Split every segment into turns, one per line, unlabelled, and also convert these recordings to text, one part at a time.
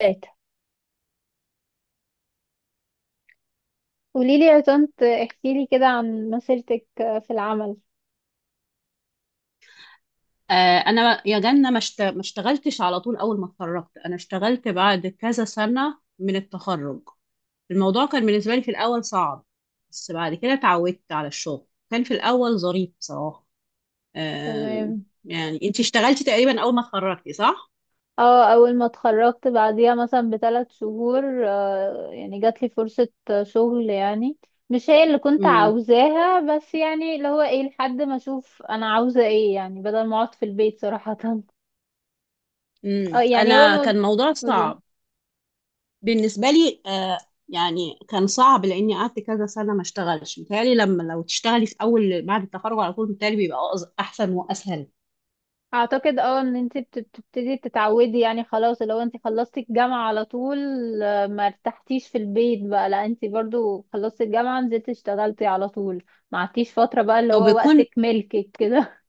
ثلاثة. قوليلي يا طنط، احكيلي كده عن مسيرتك في العمل.
آه، انا يا جنة، ما اشتغلتش على طول اول ما اتخرجت. انا اشتغلت بعد كذا سنة من التخرج. الموضوع كان بالنسبة لي في الاول صعب، بس بعد كده اتعودت على الشغل. كان في الاول ظريف بصراحة. آه،
تمام.
يعني انت اشتغلتي تقريبا اول ما اتخرجتي صح؟
اه، اول ما اتخرجت بعديها مثلا بـ3 شهور، يعني جاتلي فرصة شغل يعني. مش هي اللي كنت
امم
عاوزاها، بس يعني اللي هو ايه، لحد ما اشوف انا عاوزة ايه، يعني بدل ما اقعد في البيت صراحة. اه، يعني اول
انا
ما...
كان موضوع
قولي.
صعب بالنسبة لي. يعني كان صعب لاني قعدت كذا سنة ما اشتغلش. متهيألي لما لو تشتغلي في اول بعد التخرج على طول، متهيألي بيبقى احسن واسهل.
اعتقد ان انت بتبتدي تتعودي يعني. خلاص، لو انت خلصتي الجامعة على طول، ما ارتحتيش في البيت بقى، لا انت برضو خلصتي الجامعة نزلتي اشتغلتي على طول، ما عدتيش فترة بقى اللي
او
هو
بيكون
وقتك ملكك كده.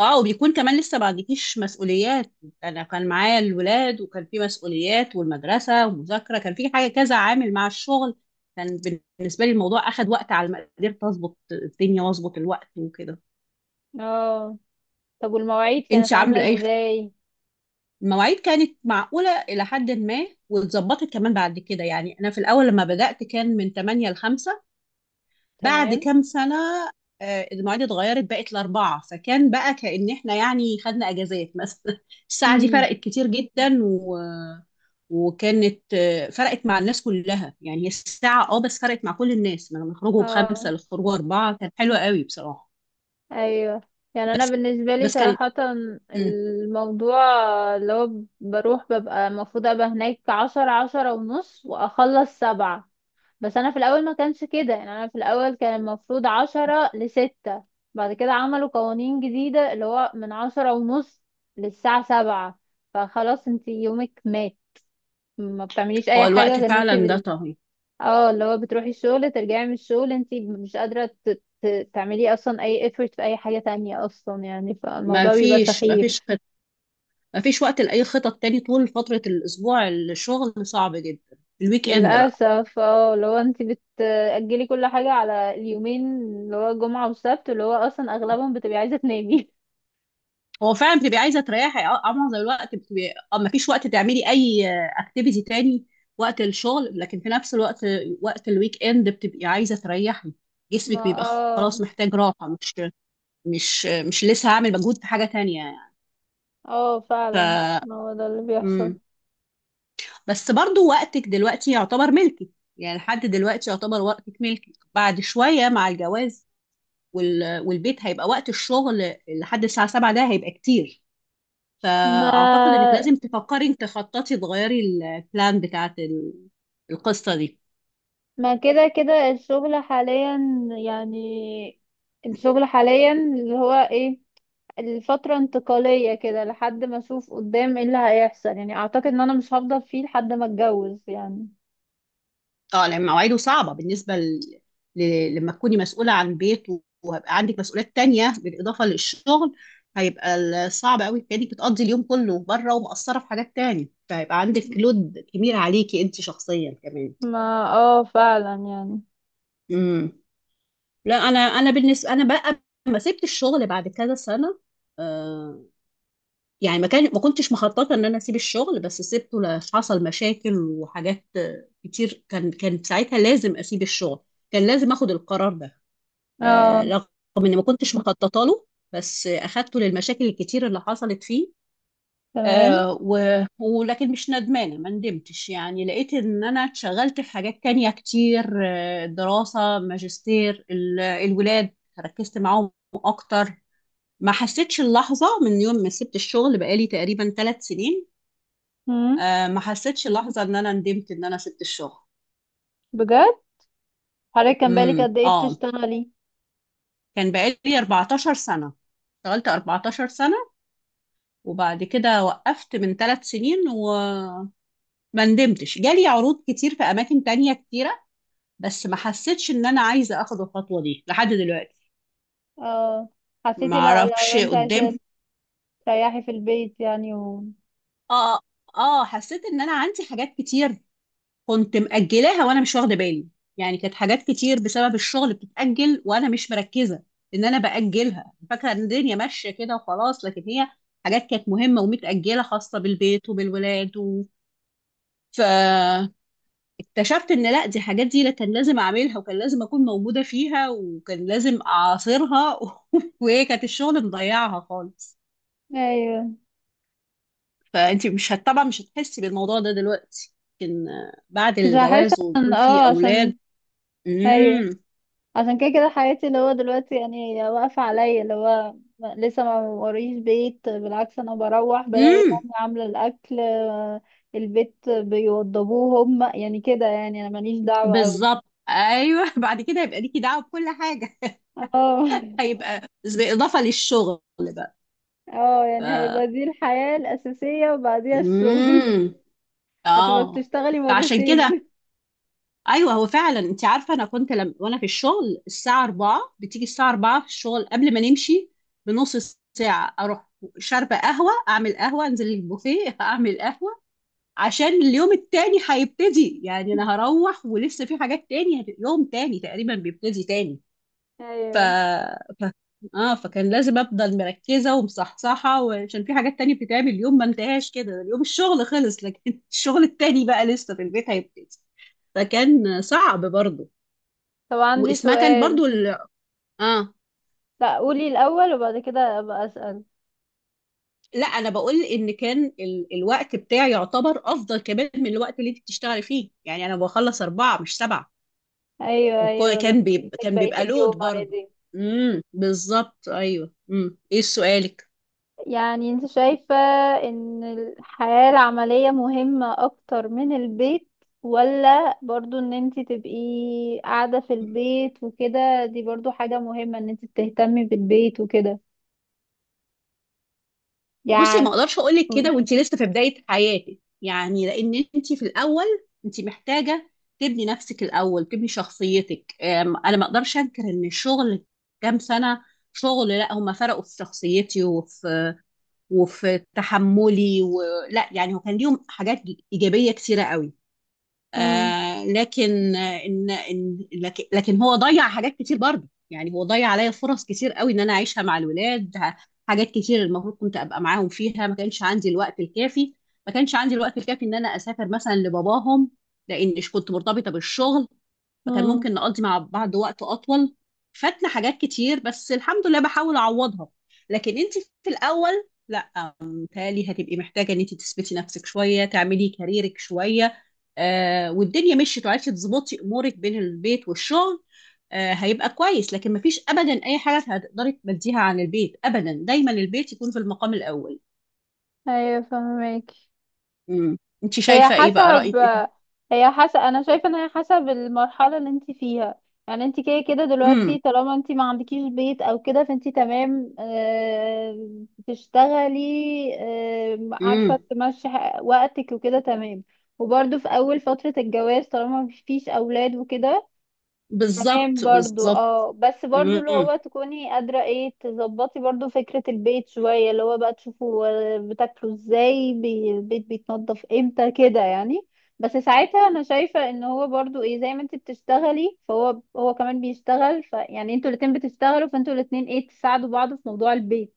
اه وبيكون كمان لسه ما عندكيش مسؤوليات. انا كان معايا الولاد وكان في مسؤوليات والمدرسه ومذاكره، كان في حاجه كذا عامل مع الشغل. كان بالنسبه لي الموضوع اخد وقت على ما قدرت اظبط الدنيا واظبط الوقت وكده.
اه. طب والمواعيد
انت
كانت عاملة
عامله ايه؟
ازاي؟
المواعيد كانت معقوله الى حد ما، واتظبطت كمان بعد كده. يعني انا في الاول لما بدات كان من 8 ل 5، بعد
تمام.
كام سنة المواعيد اتغيرت بقت لأربعة، فكان بقى كأن احنا يعني خدنا أجازات مثلا الساعة دي
مم.
فرقت كتير جدا وكانت فرقت مع الناس كلها، يعني هي الساعة بس فرقت مع كل الناس، من خروجه بخمسة
اه.
لخروجه أربعة كان حلو قوي بصراحة.
ايوه، يعني انا
بس
بالنسبة لي
بس كان
صراحة،
مم.
الموضوع اللي هو بروح ببقى المفروض ابقى هناك 10، 10:30 واخلص 7. بس انا في الاول ما كانش كده، يعني انا في الاول كان المفروض 10 لـ6، بعد كده عملوا قوانين جديدة اللي هو من 10:30 للساعة 7. فخلاص انت يومك مات، ما بتعمليش اي
هو
حاجة
الوقت
غير ان انت
فعلا ده طهي.
اللي هو بتروحي الشغل ترجعي من الشغل، انت مش قادرة تعملي اصلا اي effort في اي حاجة تانية اصلا يعني،
ما
فالموضوع بيبقى
فيش ما
سخيف.
فيش خط... ما فيش وقت لأي خطط تاني، طول فترة الأسبوع الشغل صعب جدا. الويك إند بقى
للأسف اللي هو انت بتأجلي كل حاجة على اليومين اللي هو جمعة وسبت، اللي هو اصلا اغلبهم بتبقي عايزة تنامي.
هو فعلا بتبقي عايزه تريحي. معظم الوقت بتبقي، مفيش وقت تعملي اي اكتيفيتي تاني وقت الشغل، لكن في نفس الوقت وقت الويك اند بتبقي عايزه تريحي.
ما
جسمك بيبقى
اه،
خلاص محتاج راحه، مش لسه هعمل مجهود في حاجه تانية يعني.
اه،
ف
فعلا، ما هو ده اللي بيحصل.
مم. بس برضو وقتك دلوقتي يعتبر ملكك، يعني لحد دلوقتي يعتبر وقتك ملكك. بعد شويه مع الجواز والبيت هيبقى وقت الشغل لحد الساعه 7، ده هيبقى كتير. فأعتقد إنك
ما
لازم تفكري إنك تخططي تغيري البلان بتاعت القصة دي.
ما كده كده الشغل حاليا يعني. الشغل حاليا اللي هو ايه، الفترة انتقالية كده لحد ما اشوف قدام ايه اللي هيحصل يعني. اعتقد ان انا مش هفضل فيه لحد ما اتجوز يعني.
اه لأن مواعيده صعبة بالنسبة لما تكوني مسؤولة عن بيت وهيبقى عندك مسؤوليات تانية بالإضافة للشغل، هيبقى صعب قوي، كأنك بتقضي اليوم كله بره ومقصرة في حاجات تانية، فهيبقى عندك لود كبير عليكي أنت شخصيا كمان.
ما اه، فعلا يعني.
امم لا، أنا بالنسبة أنا بقى، لما سبت الشغل بعد كذا سنة، يعني ما كنتش مخططه ان انا اسيب الشغل، بس سبته. حصل مشاكل وحاجات كتير، كان ساعتها لازم اسيب الشغل، كان لازم اخد القرار ده.
اه.
رغم اني ما كنتش مخططه له، بس اخدته للمشاكل الكتير اللي حصلت فيه.
تمام.
آه و... ولكن مش ندمانه، ما ندمتش. يعني لقيت ان انا اتشغلت في حاجات تانية كتير، دراسه ماجستير، الولاد ركزت معاهم اكتر. ما حسيتش اللحظة من يوم ما سبت الشغل بقالي تقريبا 3 سنين.
امم
ما حسيتش لحظة ان انا ندمت ان انا سبت الشغل.
بجد؟ حضرتك كان بالك
امم
قد ايه
اه
بتشتغلي؟
كان بقالي 14 سنة، اشتغلت 14 سنة، وبعد كده وقفت من 3 سنين وما ندمتش. جالي عروض كتير في اماكن تانية كتيرة، بس ما حسيتش ان انا عايزة اخد الخطوة دي لحد دلوقتي.
اه.
ما
حسيتي، لا،
اعرفش
لو انت عايزة
قدام.
تريحي في البيت يعني؟
اه اه حسيت ان انا عندي حاجات كتير كنت مأجلاها وانا مش واخده بالي. يعني كانت حاجات كتير بسبب الشغل بتتأجل وانا مش مركزه ان انا بأجلها، فاكره ان الدنيا ماشيه كده وخلاص، لكن هي حاجات كانت مهمه ومتأجله خاصه بالبيت وبالولاد فاكتشفت ان لا، دي حاجات دي لا، كان لازم اعملها وكان لازم اكون موجوده فيها وكان لازم اعاصرها وهي كانت الشغل مضيعها خالص.
ايوه،
فانت مش هت... طبعا مش هتحسي بالموضوع ده دلوقتي، لكن بعد
مش هحس
الجواز
عشان
ويكون في
عشان،
اولاد.
ايوه،
مم.
عشان كده كده حياتي اللي هو دلوقتي يعني واقفة عليا، اللي هو لسه ما وريش بيت. بالعكس انا بروح بلاقي
امم
مامي عاملة الاكل، البيت بيوضبوه هم. يعني كده يعني انا ماليش دعوة اوي.
بالظبط ايوه بعد كده هيبقى ليكي دعوه بكل حاجه،
اه،
هيبقى بالاضافه للشغل بقى.
اه، يعني هيبقى دي الحياة الأساسية وبعديها الشغل.
امم
هتبقى
اه
بتشتغلي
فعشان كده
مرتين.
ايوه، هو فعلا انت عارفه انا كنت لم... وانا في الشغل الساعه 4، بتيجي الساعه 4 في الشغل قبل ما نمشي بنص ساعه، اروح شاربه قهوه، اعمل قهوه، انزل البوفيه اعمل قهوه، عشان اليوم التاني هيبتدي. يعني انا هروح ولسه في حاجات تاني، يوم تاني تقريبا بيبتدي تاني. ف...
ايوه.
ف... اه فكان لازم افضل مركزه ومصحصحه، وعشان في حاجات تانية بتتعمل، اليوم ما انتهاش كده، اليوم الشغل خلص، لكن الشغل التاني بقى لسه في البيت هيبتدي، فكان صعب برضو.
طب عندي
واسمها كان
سؤال.
برضو ال... اه
لا قولي الأول وبعد كده ابقى أسأل.
لا انا بقول ان كان الوقت بتاعي يعتبر افضل كمان من الوقت اللي انت بتشتغلي فيه، يعني انا بخلص 4 مش 7،
ايوه، ايوه، لما
وكان بيبقى
عندك
كان بيبقى
بقية اليوم
لود برضو.
عادي.
بالظبط ايوه. ايه سؤالك؟
يعني انت شايفة ان الحياة العملية مهمة اكتر من البيت، ولا برضو ان انت تبقي قاعدة في البيت وكده دي برضو حاجة مهمة ان انت تهتمي بالبيت وكده
بصي ما
يعني؟
اقدرش اقول لك
امم
كده وانت لسه في بدايه حياتك، يعني لان انت في الاول انت محتاجه تبني نفسك الاول، تبني شخصيتك. انا ما اقدرش انكر ان الشغل كام سنه شغل، لا هم فرقوا في شخصيتي وفي تحملي، ولا يعني، هو كان ليهم حاجات ايجابيه كثيره قوي. لكن آه، ان ان لكن لكن هو ضيع حاجات كتير برضه، يعني هو ضيع عليا فرص كتير قوي ان انا اعيشها مع الولاد. حاجات كتير المفروض كنت ابقى معاهم فيها ما كانش عندي الوقت الكافي ما كانش عندي الوقت الكافي ان انا اسافر مثلا لباباهم، لان مش كنت مرتبطه بالشغل، فكان
امم
ممكن نقضي مع بعض وقت اطول. فاتنا حاجات كتير، بس الحمد لله بحاول اعوضها. لكن انت في الاول لا، متهيألي هتبقي محتاجة إن أنت تثبتي نفسك شوية، تعملي كاريرك شوية، والدنيا مشيت وعرفتي تظبطي أمورك بين البيت والشغل، هيبقى كويس. لكن مفيش أبدا أي حاجة هتقدري تمديها عن البيت أبدا، دايما البيت يكون في المقام الأول.
ايوه، فهمك.
امم أنت
هي
شايفة إيه بقى؟
حسب
رأيك إيه؟
هي حسب انا شايفه ان هي حسب المرحله اللي انت فيها. يعني انت كده كده دلوقتي
امم
طالما انت ما عندكيش بيت او كده فانت تمام، بتشتغلي،
امم
عارفه تمشي وقتك وكده تمام. وبرده في اول فتره الجواز طالما مفيش اولاد وكده تمام
بالظبط
برضو.
بالظبط.
اه، بس برضو اللي
مم.
هو تكوني قادرة ايه تظبطي برضو فكرة البيت شوية، اللي هو بقى تشوفوا بتاكلوا ازاي، البيت بيتنضف امتى كده يعني. بس ساعتها انا شايفة ان هو برضو ايه زي ما انت بتشتغلي فهو هو كمان بيشتغل، فيعني انتوا الاتنين بتشتغلوا، فانتوا الاتنين ايه تساعدوا بعض في موضوع البيت.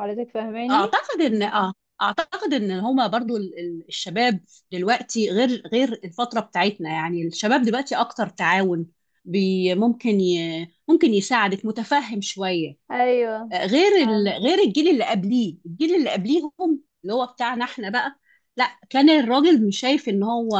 حضرتك فاهماني؟
اعتقد ان اه اعتقد ان هما برضو الشباب دلوقتي غير الفتره بتاعتنا، يعني الشباب دلوقتي اكتر تعاون، بي ممكن ي ممكن يساعدك، متفهم شويه،
ايوه. آه،
غير الجيل اللي قبليهم اللي هو بتاعنا احنا بقى. لا كان الراجل مش شايف ان هو،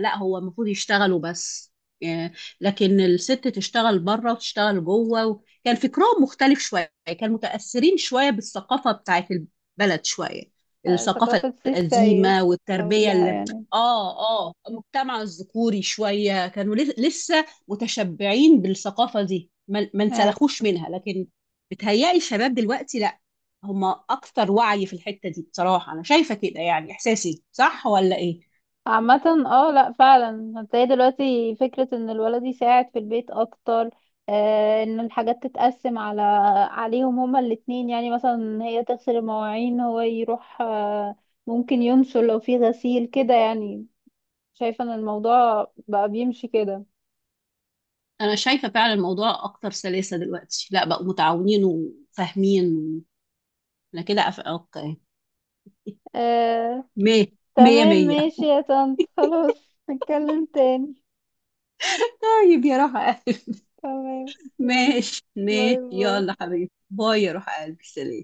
لا هو المفروض يشتغل وبس. إيه، لكن الست تشتغل بره وتشتغل جوه كان فكرهم مختلف شويه، كان متأثرين شويه بالثقافه بتاعت البلد شويه، الثقافه
ثقافة سي السيد
القديمه
او
والتربيه
لا
اللي
يعني؟
اه المجتمع الذكوري شويه، كانوا لسه متشبعين بالثقافه دي، ما
آه.
انسلخوش منها. لكن بتهيألي الشباب دلوقتي لا، هم اكتر وعي في الحتة دي بصراحة. انا شايفة كده، يعني احساسي صح ولا ايه؟
عامة اه، لا، فعلا هتلاقي دلوقتي فكرة ان الولد يساعد في البيت اكتر، ان الحاجات تتقسم عليهم هما الاتنين. يعني مثلا هي تغسل المواعين، هو يروح ممكن ينشر لو في غسيل كده يعني. شايفة ان الموضوع بقى بيمشي كده.
انا شايفة فعلا الموضوع اكتر سلاسة دلوقتي، لا بقوا متعاونين وفاهمين. انا كده اوكي،
آه.
مية مية
تمام،
مية
ماشي يا طنط، خلاص نتكلم تاني.
طيب يا روح قلبي.
تمام. يلا
ماشي
باي
ماشي يلا
باي.
حبيبي، باي يا روح قلبي، سلام.